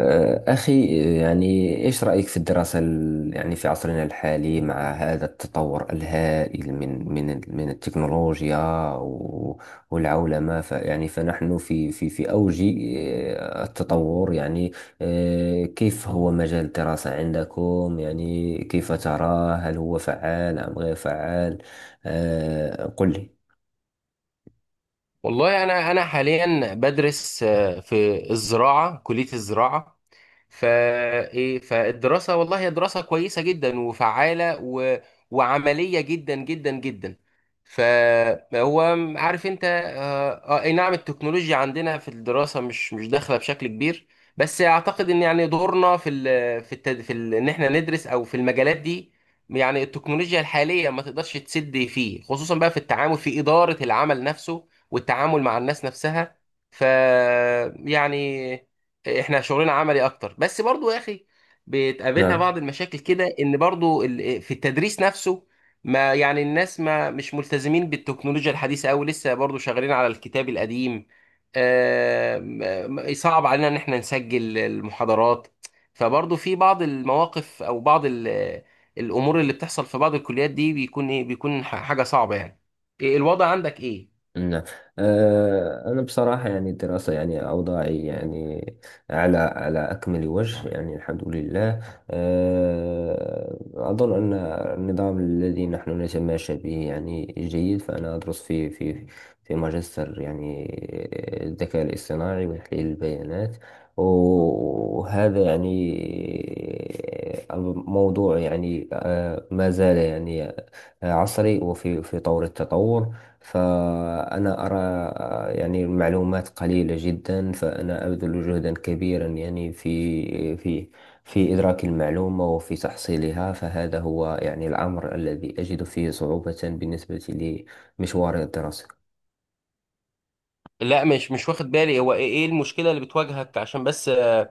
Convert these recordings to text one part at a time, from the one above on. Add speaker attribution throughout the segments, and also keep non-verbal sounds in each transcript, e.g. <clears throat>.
Speaker 1: أخي، يعني إيش رأيك في الدراسة يعني في عصرنا الحالي مع هذا التطور الهائل من التكنولوجيا و- والعولمة، يعني فنحن في أوج التطور يعني. كيف هو مجال الدراسة عندكم؟ يعني كيف تراه؟ هل هو فعال أم غير فعال؟ قل لي.
Speaker 2: والله انا حاليا بدرس في الزراعه، كليه الزراعه. فالدراسه والله هي دراسه كويسه جدا وفعاله وعمليه جدا جدا جدا. فهو، عارف انت. اي نعم، التكنولوجيا عندنا في الدراسه مش داخله بشكل كبير، بس اعتقد ان يعني دورنا في ال... في التد... في ال... ان احنا ندرس او في المجالات دي، يعني التكنولوجيا الحاليه ما تقدرش تسد فيه، خصوصا بقى في التعامل، في اداره العمل نفسه والتعامل مع الناس نفسها. ف يعني احنا شغلنا عملي اكتر، بس برضو يا اخي بتقابلنا
Speaker 1: نعم،
Speaker 2: بعض المشاكل كده، ان برضو في التدريس نفسه ما يعني الناس ما مش ملتزمين بالتكنولوجيا الحديثة أوي، لسه برضو شغالين على الكتاب القديم. آم، آم، صعب علينا ان احنا نسجل المحاضرات. فبرضو في بعض المواقف او بعض الامور اللي بتحصل في بعض الكليات دي بيكون حاجة صعبة يعني. إيه الوضع عندك، ايه؟
Speaker 1: نعم. أنا بصراحة يعني الدراسة يعني أوضاعي يعني على أكمل وجه، يعني الحمد لله. أظن أن النظام الذي نحن نتماشى به يعني جيد. فأنا أدرس في ماجستير يعني الذكاء الاصطناعي وتحليل البيانات، وهذا يعني الموضوع يعني ما زال يعني عصري وفي طور التطور. فأنا أرى يعني المعلومات قليلة جدا، فأنا أبذل جهدا كبيرا يعني في إدراك المعلومة وفي تحصيلها. فهذا هو يعني الأمر الذي أجد فيه صعوبة بالنسبة لمشواري الدراسي.
Speaker 2: لا، مش واخد بالي. هو ايه إيه المشكلة اللي بتواجهك؟ عشان بس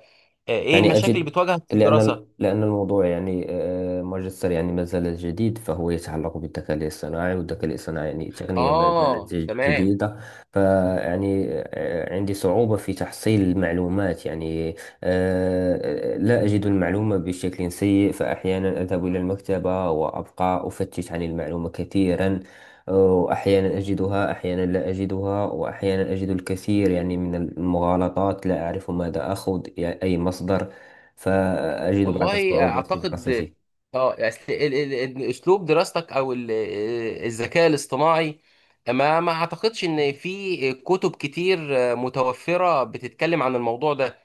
Speaker 2: ايه
Speaker 1: يعني
Speaker 2: المشاكل اللي
Speaker 1: أجد،
Speaker 2: بتواجهك في
Speaker 1: لأن
Speaker 2: الدراسه؟
Speaker 1: لأن الموضوع يعني ماجستير يعني ما زال جديد، فهو يتعلق بالذكاء الاصطناعي، والذكاء الاصطناعي يعني تقنية ما زالت
Speaker 2: اه تمام.
Speaker 1: جديدة. فيعني عندي صعوبة في تحصيل المعلومات يعني. لا أجد المعلومة بشكل سيء، فأحيانا أذهب إلى المكتبة وأبقى أفتش عن المعلومة كثيرا. أحيانا أجدها، أحيانا لا أجدها، وأحيانا أجد الكثير يعني من المغالطات، لا أعرف ماذا أخذ يعني أي مصدر. فأجد بعض
Speaker 2: والله
Speaker 1: الصعوبات في
Speaker 2: اعتقد،
Speaker 1: دراسته.
Speaker 2: اه، أصل اسلوب دراستك، او الذكاء الاصطناعي، ما اعتقدش ان في كتب كتير متوفرة بتتكلم عن الموضوع ده،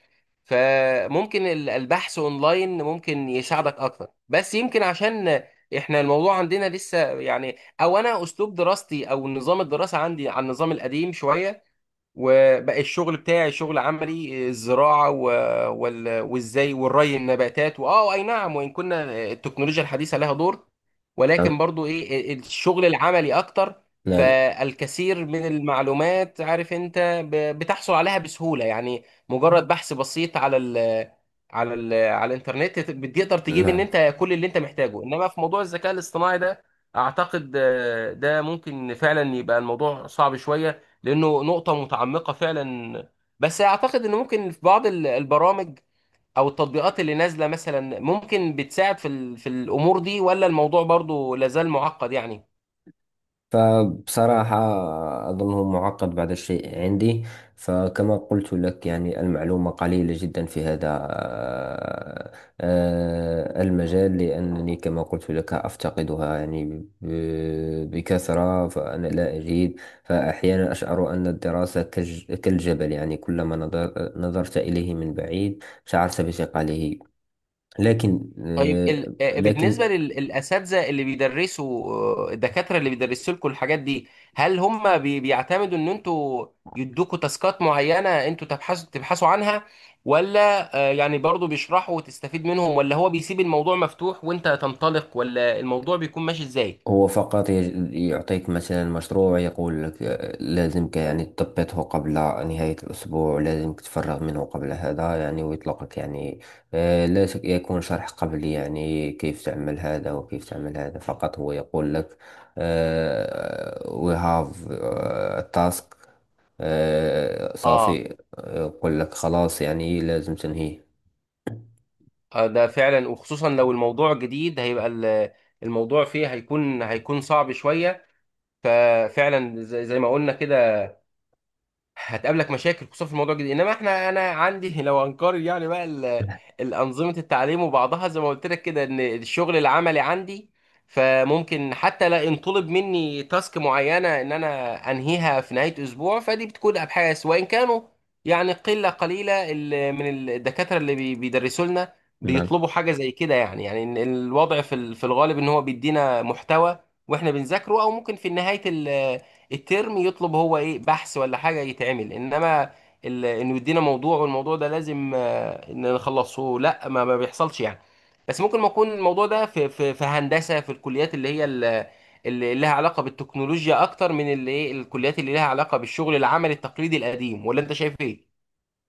Speaker 2: فممكن البحث اونلاين ممكن يساعدك اكتر. بس يمكن عشان احنا الموضوع عندنا لسه يعني، او انا اسلوب دراستي او نظام الدراسة عندي عن النظام القديم شوية، وبقى الشغل بتاعي شغل عملي، الزراعة وازاي، والري، النباتات، واه اي نعم. وان كنا التكنولوجيا الحديثة لها دور،
Speaker 1: نعم،
Speaker 2: ولكن برضو ايه، الشغل العملي اكتر.
Speaker 1: نعم،
Speaker 2: فالكثير من المعلومات، عارف انت، بتحصل عليها بسهولة يعني، مجرد بحث بسيط على الانترنت بتقدر تجيب ان
Speaker 1: نعم.
Speaker 2: انت كل اللي انت محتاجه. انما في موضوع الذكاء الاصطناعي ده اعتقد ده ممكن فعلا يبقى الموضوع صعب شوية، لانه نقطه متعمقه فعلا. بس اعتقد ان ممكن في بعض البرامج او التطبيقات اللي نازله مثلا ممكن بتساعد في في الامور دي، ولا الموضوع برضو لازال معقد يعني؟
Speaker 1: فبصراحة أظنه معقد بعض الشيء عندي. فكما قلت لك يعني المعلومة قليلة جدا في هذا المجال، لأنني كما قلت لك أفتقدها يعني بكثرة، فأنا لا أجيد. فأحيانا أشعر أن الدراسة كالجبل، يعني كلما نظرت إليه من بعيد شعرت بثقله. لكن
Speaker 2: طيب،
Speaker 1: آه، لكن
Speaker 2: بالنسبه للاساتذه اللي بيدرسوا، الدكاتره اللي بيدرسوا لكم الحاجات دي، هل هم بيعتمدوا ان انتوا يدوكوا تاسكات معينه انتوا تبحثوا عنها، ولا يعني برضو بيشرحوا وتستفيد منهم، ولا هو بيسيب الموضوع مفتوح وانت تنطلق؟ ولا الموضوع بيكون ماشي ازاي؟
Speaker 1: هو فقط يعطيك مثلا مشروع، يقول لك لازمك يعني تضبطه قبل نهاية الأسبوع، لازمك تتفرغ منه قبل هذا يعني، ويطلقك يعني. لا يكون شرح قبلي يعني كيف تعمل هذا وكيف تعمل هذا. فقط هو يقول لك we have task
Speaker 2: اه
Speaker 1: صافي. يقول لك خلاص، يعني لازم تنهيه.
Speaker 2: ده فعلا، وخصوصا لو الموضوع جديد هيبقى الموضوع فيه هيكون صعب شوية. ففعلا زي ما قلنا كده، هتقابلك مشاكل خصوصا في الموضوع الجديد. انما انا عندي <laughs> لو هنقارن يعني بقى الانظمه التعليم وبعضها، زي ما قلت لك كده، ان الشغل العملي عندي، فممكن حتى لا ينطلب مني تاسك معينه ان انا انهيها في نهايه اسبوع، فدي بتكون ابحاث. وان كانوا يعني قله قليله من الدكاتره اللي بيدرسوا لنا
Speaker 1: نعم.
Speaker 2: بيطلبوا حاجه زي كده. يعني إن الوضع في الغالب ان هو بيدينا محتوى واحنا بنذاكره، او ممكن في نهايه الترم يطلب هو ايه، بحث ولا حاجه يتعمل. انما انه يدينا موضوع والموضوع ده لازم ان نخلصه، لا، ما بيحصلش يعني. بس ممكن ما يكون الموضوع ده في في هندسه، في الكليات اللي هي اللي لها علاقه بالتكنولوجيا اكتر من اللي ايه، الكليات اللي لها علاقه بالشغل العملي التقليدي القديم، ولا انت شايف ايه؟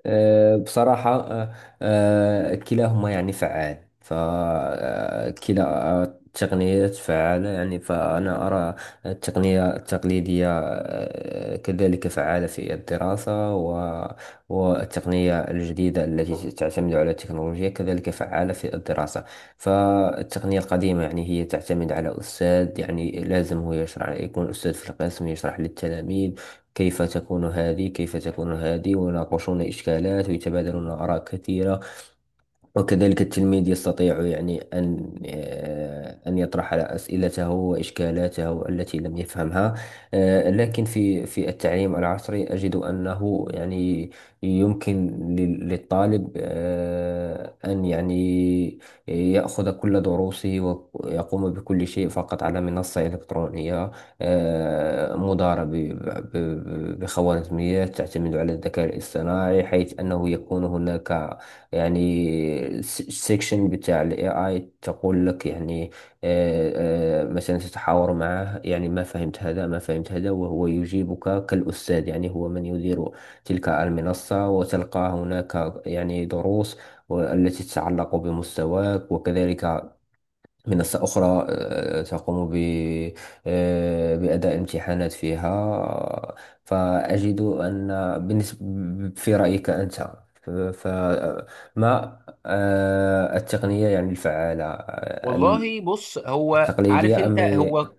Speaker 1: بصراحة كلاهما يعني فعال، فكلا التقنيات فعالة يعني. فأنا أرى التقنية التقليدية كذلك فعالة في الدراسة، والتقنية الجديدة التي تعتمد على التكنولوجيا كذلك فعالة في الدراسة. فالتقنية القديمة يعني هي تعتمد على أستاذ، يعني لازم هو يشرح، يكون أستاذ في القسم يشرح للتلاميذ كيف تكون هذه، كيف تكون هذه، ويناقشون إشكالات ويتبادلون آراء كثيرة. وكذلك التلميذ يستطيع يعني أن أن يطرح أسئلته وإشكالاته التي لم يفهمها. لكن في التعليم العصري أجد أنه يعني يمكن للطالب أن يعني يأخذ كل دروسه ويقوم بكل شيء فقط على منصة إلكترونية، مدارة بخوارزميات تعتمد على الذكاء الاصطناعي، حيث أنه يكون هناك يعني السكشن بتاع الاي اي، تقول لك يعني مثلا تتحاور معه، يعني ما فهمت هذا، ما فهمت هذا، وهو يجيبك كالأستاذ. يعني هو من يدير تلك المنصة، وتلقى هناك يعني دروس التي تتعلق بمستواك. وكذلك منصة أخرى تقوم ب آه، بأداء امتحانات فيها. فأجد أن بالنسبة في رأيك أنت، فما التقنية يعني الفعالة
Speaker 2: والله بص، هو عارف
Speaker 1: التقليدية
Speaker 2: انت
Speaker 1: أم
Speaker 2: هو،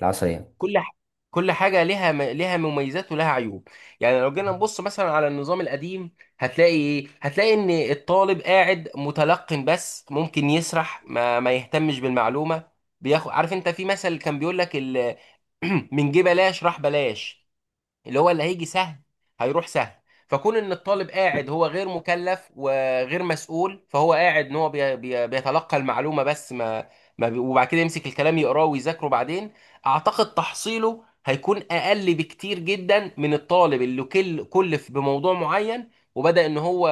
Speaker 1: العصرية؟
Speaker 2: كل ح- كل حاجه لها لها مميزات ولها عيوب. يعني لو جينا نبص مثلا على النظام القديم، هتلاقي ايه، هتلاقي ان الطالب قاعد متلقن، بس ممكن يسرح ما يهتمش بالمعلومه، بياخد عارف انت. في مثل كان بيقول لك <clears throat> من جه بلاش، راح بلاش، اللي هو اللي هيجي سهل هيروح سهل. فكون ان الطالب قاعد هو غير مكلف وغير مسؤول، فهو قاعد ان هو بي بي بيتلقى المعلومه بس ما بي وبعد كده يمسك الكلام يقراه ويذاكره بعدين، اعتقد تحصيله هيكون اقل بكتير جدا من الطالب اللي كل كلف بموضوع معين وبدأ ان هو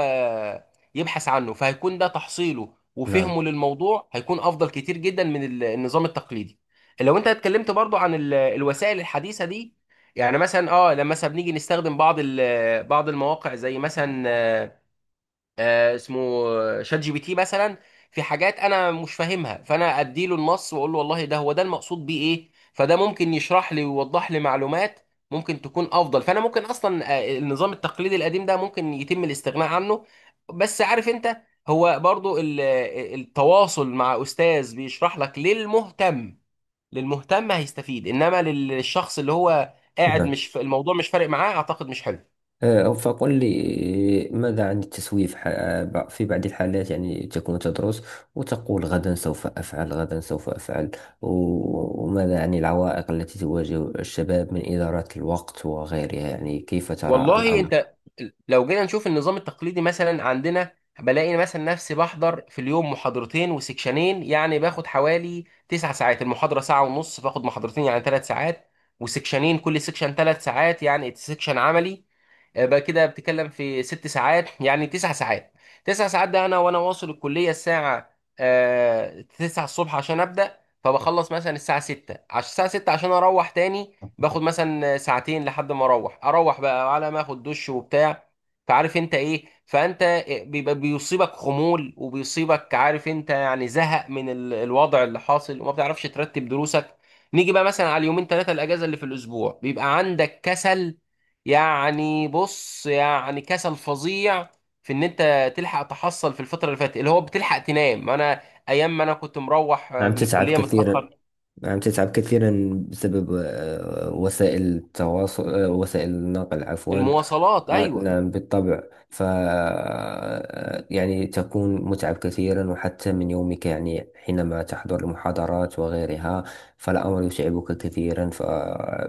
Speaker 2: يبحث عنه، فهيكون ده تحصيله
Speaker 1: نعم،
Speaker 2: وفهمه للموضوع هيكون افضل كتير جدا من النظام التقليدي. لو انت اتكلمت برضو عن الوسائل الحديثه دي، يعني مثلا اه لما مثلا بنيجي نستخدم بعض بعض المواقع زي مثلا اسمه شات جي بي تي مثلا، في حاجات انا مش فاهمها، فانا اديله النص واقول له والله ده، هو ده المقصود بيه ايه، فده ممكن يشرح لي ويوضح لي معلومات ممكن تكون افضل. فانا ممكن اصلا النظام التقليدي القديم ده ممكن يتم الاستغناء عنه. بس عارف انت، هو برضو التواصل مع استاذ بيشرح لك، للمهتم، للمهتم هيستفيد. انما للشخص اللي هو قاعد
Speaker 1: نعم.
Speaker 2: مش في الموضوع، مش فارق معاه، اعتقد مش حلو.
Speaker 1: فقل لي ماذا عن التسويف؟ في بعض الحالات يعني تكون تدرس وتقول غدا سوف أفعل، غدا سوف أفعل. وماذا عن العوائق التي تواجه الشباب من إدارة الوقت وغيرها؟ يعني كيف ترى
Speaker 2: والله
Speaker 1: الأمر؟
Speaker 2: انت لو جينا نشوف النظام التقليدي مثلا عندنا، بلاقي مثلا نفسي بحضر في اليوم محاضرتين وسكشنين، يعني باخد حوالي تسع ساعات. المحاضرة ساعة ونص، باخد محاضرتين يعني ثلاث ساعات، وسكشنين كل سكشن ثلاث ساعات يعني سكشن عملي، يبقى كده بتتكلم في ست ساعات، يعني تسع ساعات. تسع ساعات، ده انا واصل الكليه الساعه تسعة الصبح عشان ابدا، فبخلص مثلا الساعه ستة، عشان الساعه ستة عشان اروح تاني باخد مثلا ساعتين لحد ما اروح، بقى على ما اخد دش وبتاع. فعارف انت ايه، فانت بيبقى بيصيبك خمول، وبيصيبك عارف انت يعني زهق من الوضع اللي حاصل وما بتعرفش ترتب دروسك. نيجي بقى مثلا على اليومين ثلاثه الاجازه اللي في الاسبوع، بيبقى عندك كسل، يعني بص يعني كسل فظيع، في ان انت تلحق تحصل في الفتره اللي فاتت، اللي هو بتلحق تنام. انا ايام ما انا كنت مروح
Speaker 1: نعم،
Speaker 2: من
Speaker 1: تتعب
Speaker 2: الكليه
Speaker 1: كثيرا.
Speaker 2: متاخر،
Speaker 1: نعم، تتعب كثيرا بسبب وسائل التواصل، وسائل النقل عفوا.
Speaker 2: المواصلات،
Speaker 1: آه،
Speaker 2: ايوه.
Speaker 1: نعم، بالطبع. ف آه، يعني تكون متعب كثيرا، وحتى من يومك يعني حينما تحضر المحاضرات وغيرها، فالأمر يتعبك كثيرا.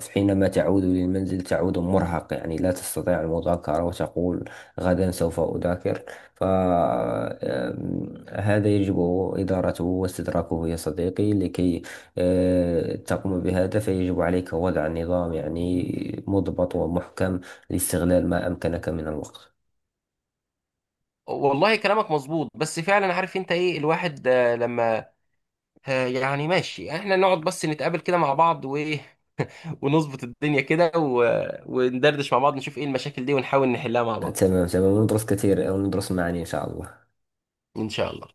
Speaker 1: فحينما تعود للمنزل تعود مرهق، يعني لا تستطيع المذاكرة، وتقول غدا سوف أذاكر. فهذا يجب إدارته واستدراكه يا صديقي، لكي تقوم بهذا. فيجب عليك وضع نظام يعني مضبط ومحكم، الاستغلال ما أمكنك من الوقت.
Speaker 2: والله كلامك مظبوط، بس فعلا عارف انت ايه، الواحد لما يعني ماشي احنا نقعد بس نتقابل كده مع بعض وايه <laughs> ونظبط الدنيا كده، وندردش مع بعض، نشوف ايه المشاكل دي ونحاول نحلها مع بعض.
Speaker 1: تمام، تمام، وندرس كثير وندرس معا إن شاء الله.
Speaker 2: ان شاء الله.